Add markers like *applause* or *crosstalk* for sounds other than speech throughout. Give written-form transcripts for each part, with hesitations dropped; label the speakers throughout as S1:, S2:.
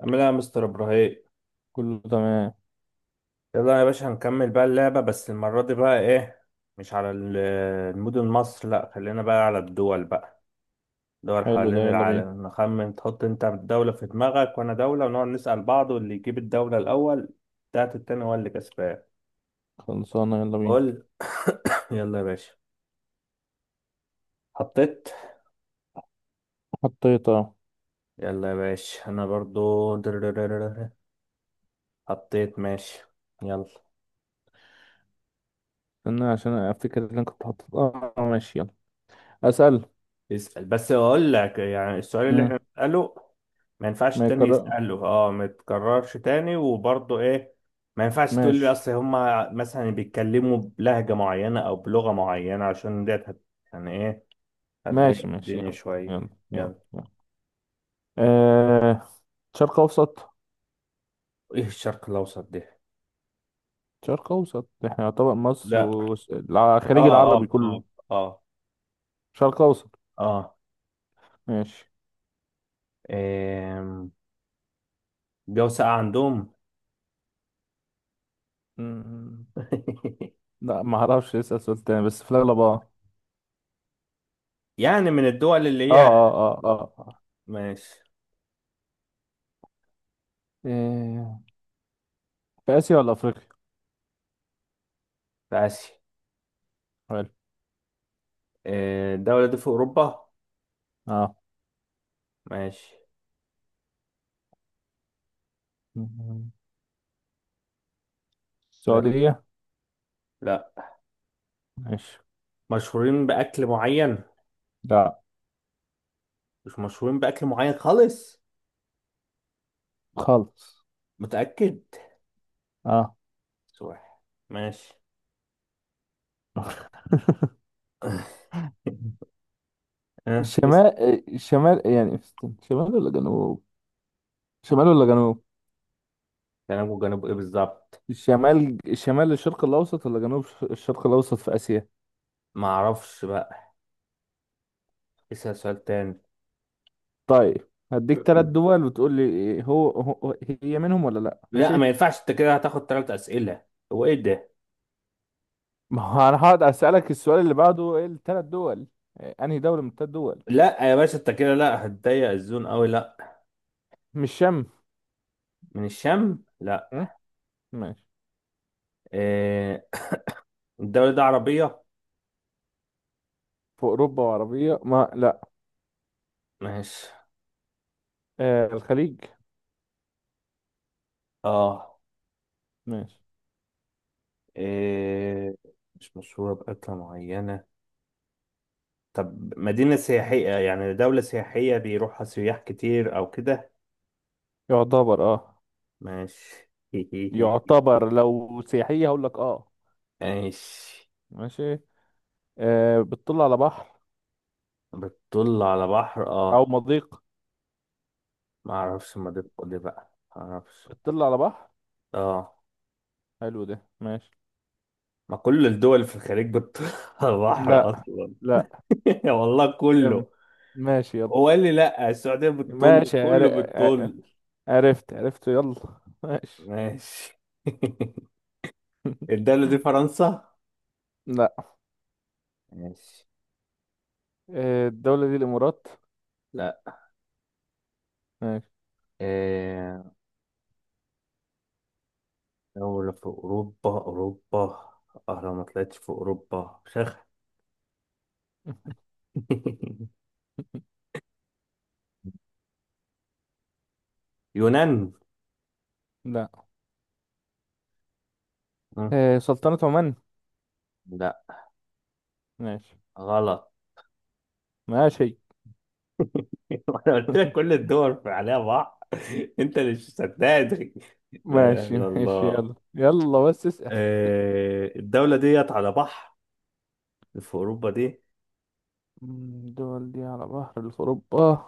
S1: عامل ايه يا مستر ابراهيم؟
S2: كله تمام.
S1: يلا يا باشا هنكمل بقى اللعبة، بس المرة دي بقى ايه؟ مش على ال- المدن مصر، لا خلينا بقى على الدول بقى، دول
S2: حلو ده،
S1: حوالين
S2: يلا بينا.
S1: العالم نخمن. تحط انت دولة في دماغك وانا دولة ونقعد نسأل بعض، واللي يجيب الدولة الأول بتاعت التاني هو اللي كسبان.
S2: خلصانة، يلا بينا.
S1: قول. *coughs* يلا يا باشا. حطيت.
S2: حطيت اه.
S1: يلا يا باشا انا برضو دررررر. حطيت ماشي. يلا.
S2: استنى عشان افتكر اللي انا كنت حاطط اه آه، ماشي يلا اسأل.
S1: يسأل، بس اقول لك يعني السؤال اللي احنا
S2: مم.
S1: بنسأله ما ينفعش
S2: ما
S1: التاني
S2: يكرر.
S1: يسأله، اه ما يتكررش تاني، وبرضه ايه، ما ينفعش تقول لي
S2: ماشي
S1: اصل هما مثلا بيتكلموا بلهجة معينة او بلغة معينة عشان ديت هت- يعني ايه، هتضايق
S2: ماشي. ماشي
S1: الدنيا
S2: يلا
S1: شوية.
S2: يلا يلا,
S1: يلا.
S2: يلا. آه. شرق اوسط.
S1: ايه الشرق الاوسط دي؟
S2: شرق اوسط. احنا يعتبر مصر
S1: لا. اه
S2: والخليج العربي
S1: اه اه
S2: كله
S1: اه
S2: شرق اوسط.
S1: اه.
S2: ماشي.
S1: إيه، جو ساقع عندهم؟
S2: مم.
S1: *laughs*
S2: لا ما اعرفش، اسأل سؤال تاني بس في الاغلب اه
S1: من الدول اللي هي؟
S2: اه آه.
S1: ماشي.
S2: إيه، في اسيا ولا افريقيا؟
S1: في اسيا؟
S2: حلو.
S1: إيه، الدولة دي في اوروبا؟ ماشي.
S2: اه
S1: يلا.
S2: السعودية.
S1: لا.
S2: ماشي.
S1: مشهورين بأكل معين؟
S2: لا.
S1: مش مشهورين بأكل معين خالص؟
S2: خالص.
S1: متأكد؟
S2: اه.
S1: سوح. ماشي.
S2: *laughs*
S1: *laughs* اه اسم.
S2: الشمال. الشمال يعني استنى، شمال ولا جنوب؟ شمال ولا جنوب؟
S1: جنوب، وجنوب ايه بالظبط؟
S2: الشمال الشرق الأوسط ولا جنوب؟ الشرق الأوسط في آسيا.
S1: معرفش بقى، اسأل سؤال تاني.
S2: طيب هديك ثلاث دول وتقول لي إيه، هو هي منهم ولا لا،
S1: لا
S2: ماشي.
S1: ما ينفعش، انت كده هتاخد تلات أسئلة. هو ايه ده؟
S2: ما هو انا هقعد اسالك السؤال اللي بعده، ايه الثلاث دول؟ إيه، انهي دولة من الثلاث دول؟
S1: لا يا باشا انت كده لا، هتضيق الزون قوي، لا.
S2: مش شام.
S1: من الشام؟ لا.
S2: م? ماشي
S1: إيه، الدولة دي عربية؟
S2: في اوروبا وعربية، ما لا.
S1: ماشي.
S2: آه الخليج.
S1: اه.
S2: ماشي.
S1: إيه، مش مشهورة بأكلة معينة؟ طب مدينة سياحية، يعني دولة سياحية بيروحها سياح كتير أو كده؟
S2: يعتبر اه.
S1: ماشي *laughs*
S2: يعتبر لو سياحية هقول لك اه.
S1: ماشي.
S2: ماشي. آه بتطل على بحر
S1: بتطل على بحر؟
S2: او
S1: اه،
S2: مضيق.
S1: ما اعرفش، ما دي بقى ما اعرفش.
S2: بتطل على بحر.
S1: اه.
S2: حلو ده، ماشي.
S1: ما كل الدول في الخليج بتطل *laughs* على بحر
S2: لا.
S1: اصلا.
S2: لا.
S1: *laughs* والله
S2: كم.
S1: كله.
S2: ماشي يلا.
S1: هو قال لي لا السعودية بتطل،
S2: ماشي عر...
S1: كله
S2: ع-
S1: بتطل.
S2: عرفت عرفت. يلا ماشي.
S1: ماشي. *laughs* الدولة دي فرنسا؟
S2: لا.
S1: ماشي.
S2: آه الدولة دي الامارات.
S1: لا.
S2: ماشي.
S1: آه. دولة في أوروبا؟ أه لو ما طلعتش في أوروبا شخ. *laughs* يونان؟
S2: لا.
S1: ها؟
S2: آه سلطنة عمان.
S1: لا.
S2: ماشي.
S1: غلط.
S2: ماشي.
S1: *laughs* أنا قلت لك كل
S2: *laughs*
S1: الدول في عليها بحر، *laughs* أنت اللي مش صدقني. *laughs* لا إله
S2: ماشي
S1: إلا
S2: ماشي
S1: الله.
S2: يلا يلا بس اسأل.
S1: آه، الدولة ديت على بحر؟ في أوروبا دي
S2: الدول دي على بحر في اوروبا،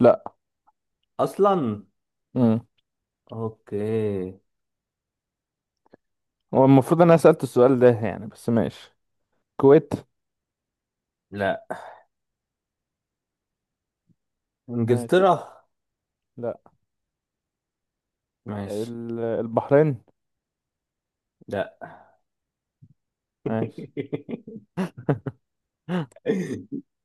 S2: لا.
S1: أصلا؟ أوكي.
S2: هو المفروض انا سألت السؤال ده يعني، بس ماشي. الكويت.
S1: لا.
S2: ماشي.
S1: إنجلترا؟
S2: لا.
S1: ماشي.
S2: البحرين.
S1: لا.
S2: ماشي.
S1: *laughs*
S2: *laughs*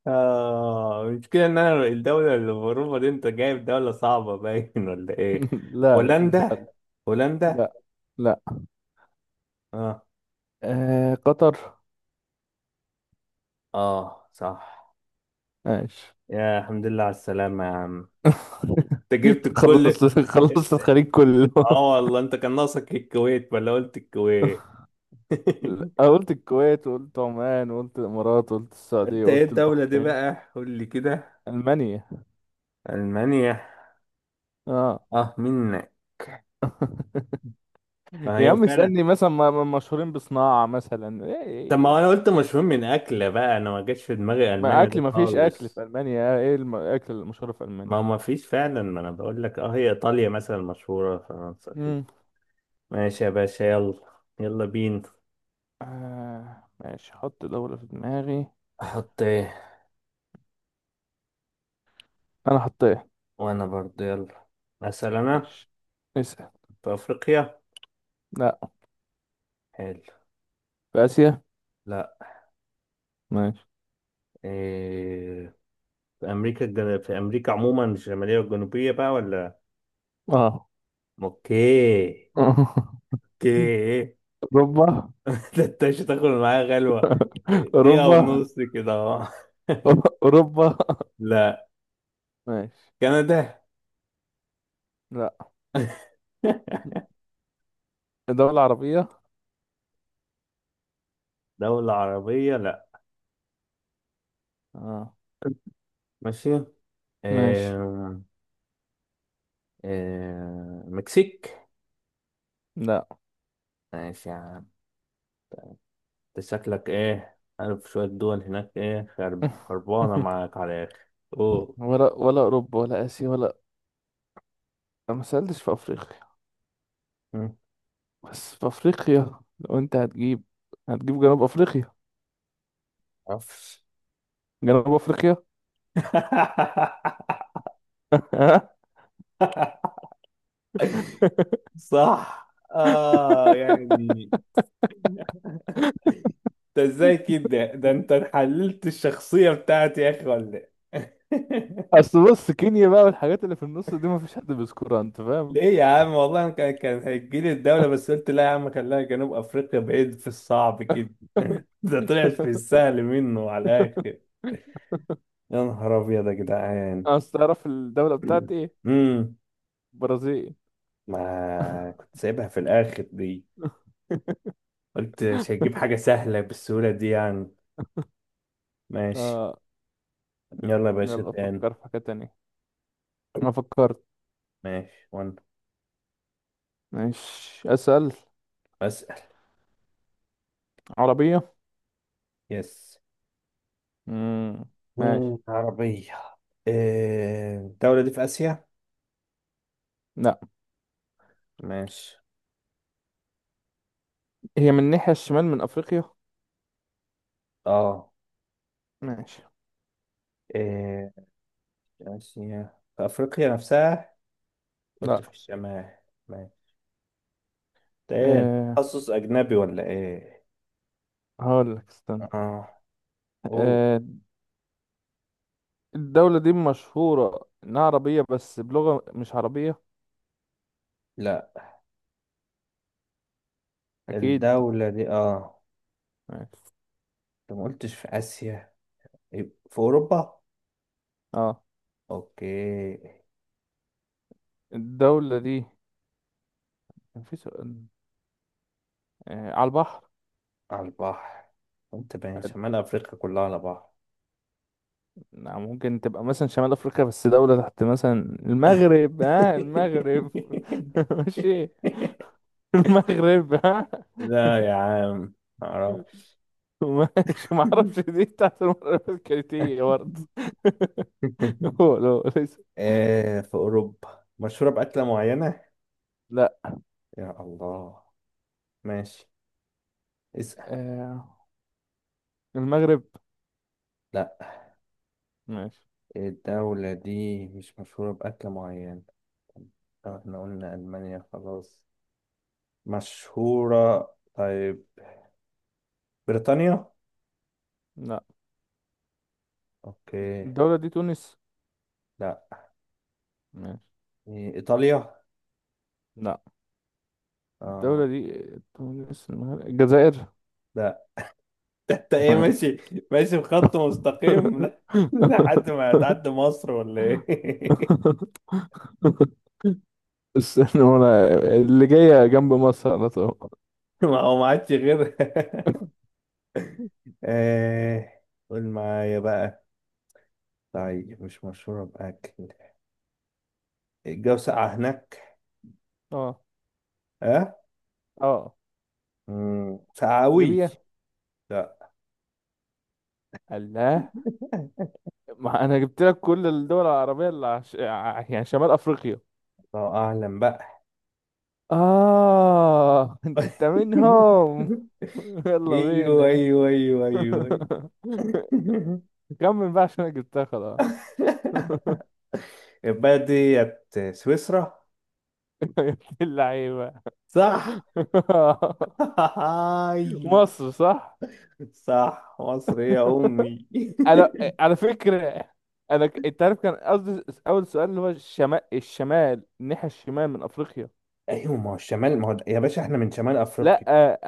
S1: آه المشكلة إن أنا الدولة اللي بروفة دي، أنت جايب دولة صعبة باين *laughs* ولا إيه؟
S2: لا لا
S1: هولندا؟
S2: لا
S1: هولندا؟
S2: لا لا.
S1: آه.
S2: آه قطر.
S1: آه صح.
S2: ماشي.
S1: يا الحمد لله على السلامة يا عم،
S2: *laughs*
S1: أنت جبت الكل.
S2: خلصت، خلصت
S1: أنت.
S2: الخليج كله.
S1: آه
S2: *laughs*
S1: والله أنت كان ناقصك الكويت، ولا قلت الكويت؟
S2: أنا
S1: *laughs*
S2: قلت الكويت وقلت عمان وقلت الامارات وقلت السعودية
S1: أنت إيه
S2: وقلت
S1: الدولة دي
S2: البحرين.
S1: بقى؟ قول لي كده.
S2: المانيا.
S1: ألمانيا؟
S2: اه.
S1: آه مين.
S2: *laughs*
S1: ما
S2: يا
S1: هي
S2: عم
S1: فعلا.
S2: اسألني مثلا مشهورين بصناعة مثلا
S1: طب ما
S2: إيه.
S1: أنا قلت
S2: إيه.
S1: مشهور من أكلة بقى، أنا ما جاتش في دماغي
S2: ما
S1: ألمانيا
S2: اكل،
S1: ده
S2: ما فيش اكل
S1: خالص.
S2: في المانيا، ايه الاكل المشهور في المانيا؟
S1: ما ما فيش فعلا، ما انا بقول لك، اه هي ايطاليا مثلا مشهورة، فرنسا كده.
S2: امم
S1: ماشي يا باشا، يلا. يلا بينا.
S2: آه ماشي، حط دولة في دماغي.
S1: احط ايه؟
S2: انا حطيت.
S1: وانا برضه، يلا. اسال انا.
S2: ماشي اسأل.
S1: في افريقيا؟
S2: لا.
S1: حلو.
S2: في اسيا.
S1: لا.
S2: ماشي.
S1: إيه، في امريكا الجن... في امريكا عموما الشمالية والجنوبية بقى ولا؟
S2: اه.
S1: اوكي.
S2: *laughs*
S1: اوكي.
S2: اوروبا.
S1: *laughs* ده انت مش هتاخد معايا غلوة، دقيقة
S2: اوروبا.
S1: ونص كده اهو. *laughs*
S2: اوروبا.
S1: لا.
S2: ماشي.
S1: كندا؟
S2: لا.
S1: *laughs*
S2: دولة عربية.
S1: دولة عربية؟ لا.
S2: اه.
S1: ماشي.
S2: ماشي.
S1: إيه، آه، مكسيك؟
S2: لا.
S1: ماشي يا عم. انت شكلك ايه عارف شوية دول هناك، ايه خرب-
S2: *laughs*
S1: خربانة معاك على الآخر. اوه.
S2: ولا اوروبا ولا اسيا ولا أنا ما سألتش في افريقيا.
S1: مم.
S2: بس في افريقيا لو انت هتجيب هتجيب جنوب افريقيا.
S1: معرفش.
S2: جنوب افريقيا.
S1: *laughs*
S2: *laughs*
S1: صح اه يعني، انت ازاي كده؟ ده انت حللت الشخصية بتاعتي يا اخي ولا إيه؟ *laughs*
S2: اصل بص كينيا بقى والحاجات اللي في النص دي ما فيش حد بيذكرها، انت فاهم.
S1: ليه يا عم، والله أنا كان هيجيلي الدولة، بس قلت لا يا عم خليها جنوب أفريقيا بعيد في الصعب كده، *laughs* ده طلعت في السهل منه على الآخر.
S2: *laughs*
S1: يا نهار أبيض يا جدعان.
S2: اصل تعرف الدولة بتاعتي
S1: *clears throat*
S2: ايه؟
S1: امم
S2: برازيل.
S1: ما كنت سايبها في الآخر دي.
S2: *laughs*
S1: قلت مش هجيب حاجة سهلة بالسهولة دي يعني. ماشي.
S2: اه
S1: يلا يا باشا
S2: يلا
S1: تاني.
S2: افكر في حاجة تانية. انا فكرت.
S1: ماشي وأنا.
S2: ماشي اسأل.
S1: أسأل.
S2: عربية.
S1: يس.
S2: مم. ماشي.
S1: مم، عربية. إيه، الدولة دي في آسيا؟
S2: لا.
S1: ماشي.
S2: هي من الناحية الشمال من افريقيا.
S1: اه.
S2: ماشي.
S1: إيه، آسيا في أفريقيا نفسها؟ قلت
S2: لا.
S1: في الشمال. ماشي. ده إيه أنت
S2: أه
S1: تخصص أجنبي ولا إيه؟
S2: هقول لك استنى.
S1: آه. أوه.
S2: أه الدولة دي مشهورة انها عربية بس بلغة مش عربية.
S1: لا.
S2: اكيد.
S1: الدولة دي آه.
S2: ماشي.
S1: أنت ما قلتش في آسيا، يبقى في أوروبا؟
S2: اه
S1: أوكي.
S2: الدولة دي كان في سؤال، آه على البحر.
S1: على البحر. أنت بين
S2: حلو.
S1: شمال أفريقيا كلها على بعض.
S2: نعم، ممكن تبقى مثلا شمال أفريقيا بس دولة تحت مثلا. المغرب، ها آه المغرب.
S1: *laughs*
S2: *laughs* ماشي. المغرب، ها.
S1: لا يا عم. معرفش.
S2: ماشي معرفش.
S1: *laughs*
S2: دي تحت المغرب الكريتية برضه. *laughs* هو لو ليس.
S1: آه، في أوروبا مشهورة بأكلة معينة؟
S2: لا.
S1: يا الله. ماشي. اسأل.
S2: آه المغرب.
S1: لا.
S2: ماشي.
S1: الدولة دي مش مشهورة بأكل معين، لو احنا قلنا ألمانيا خلاص مشهورة. طيب، بريطانيا؟
S2: لا.
S1: اوكي.
S2: الدولة دي تونس.
S1: لا.
S2: ماشي.
S1: إيه، إيطاليا؟
S2: لا. الدولة
S1: اه.
S2: دي آه، تونس المغرب الجزائر.
S1: لا. *laughs* ده انت ايه؟
S2: ماشي.
S1: ماشي، ماشي بخط مستقيم، *laughs* ل- لحد ما هتعدي مصر ولا ايه؟
S2: *laughs* استنى وانا، اللي جاية جنب مصر على طول.
S1: *laughs* ما هو ما عادش غيرها. *laughs*
S2: *laughs*
S1: ايه، قول معايا بقى، طيب مش مشهورة بأكل، الجو ساقع هناك؟
S2: اه.
S1: اه.
S2: اه.
S1: مم، ساقع أوي؟
S2: ليبيا.
S1: لا.
S2: الله.
S1: *laughs*
S2: ما انا جبت لك كل الدول العربية اللي عش... يعني شمال افريقيا.
S1: الله اعلم بقى.
S2: اه انت
S1: *laughs*
S2: منهم. *laughs* يلا
S1: ايوه
S2: بينا.
S1: ايوه ايوه ايوه
S2: *laughs*
S1: أيوة. *laughs*
S2: كمل بقى عشان انا جبتها خلاص. *laughs*
S1: البلد ديت سويسرا؟
S2: يا ابن اللعيبة.
S1: صح. *laughs*
S2: *laughs*
S1: هاي.
S2: مصر صح.
S1: صح مصر يا امي.
S2: *laughs* انا على فكرة انا انت عارف كان قصدي اول سؤال اللي هو الشمال، الناحية الشمال من افريقيا.
S1: *laughs* ايوه ما هو الشمال، ما هو يا باشا احنا من شمال افريقيا،
S2: لا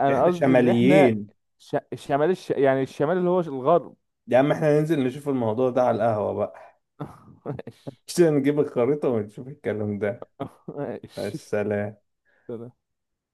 S2: انا
S1: احنا
S2: قصدي ان احنا
S1: شماليين.
S2: ش... الشمال يعني الشمال اللي هو الغرب.
S1: يا عم احنا ننزل نشوف الموضوع ده على القهوة بقى،
S2: *laughs* ماشي
S1: *laughs* عشان نجيب الخريطة ونشوف الكلام ده. مع
S2: ماشي.
S1: السلامة.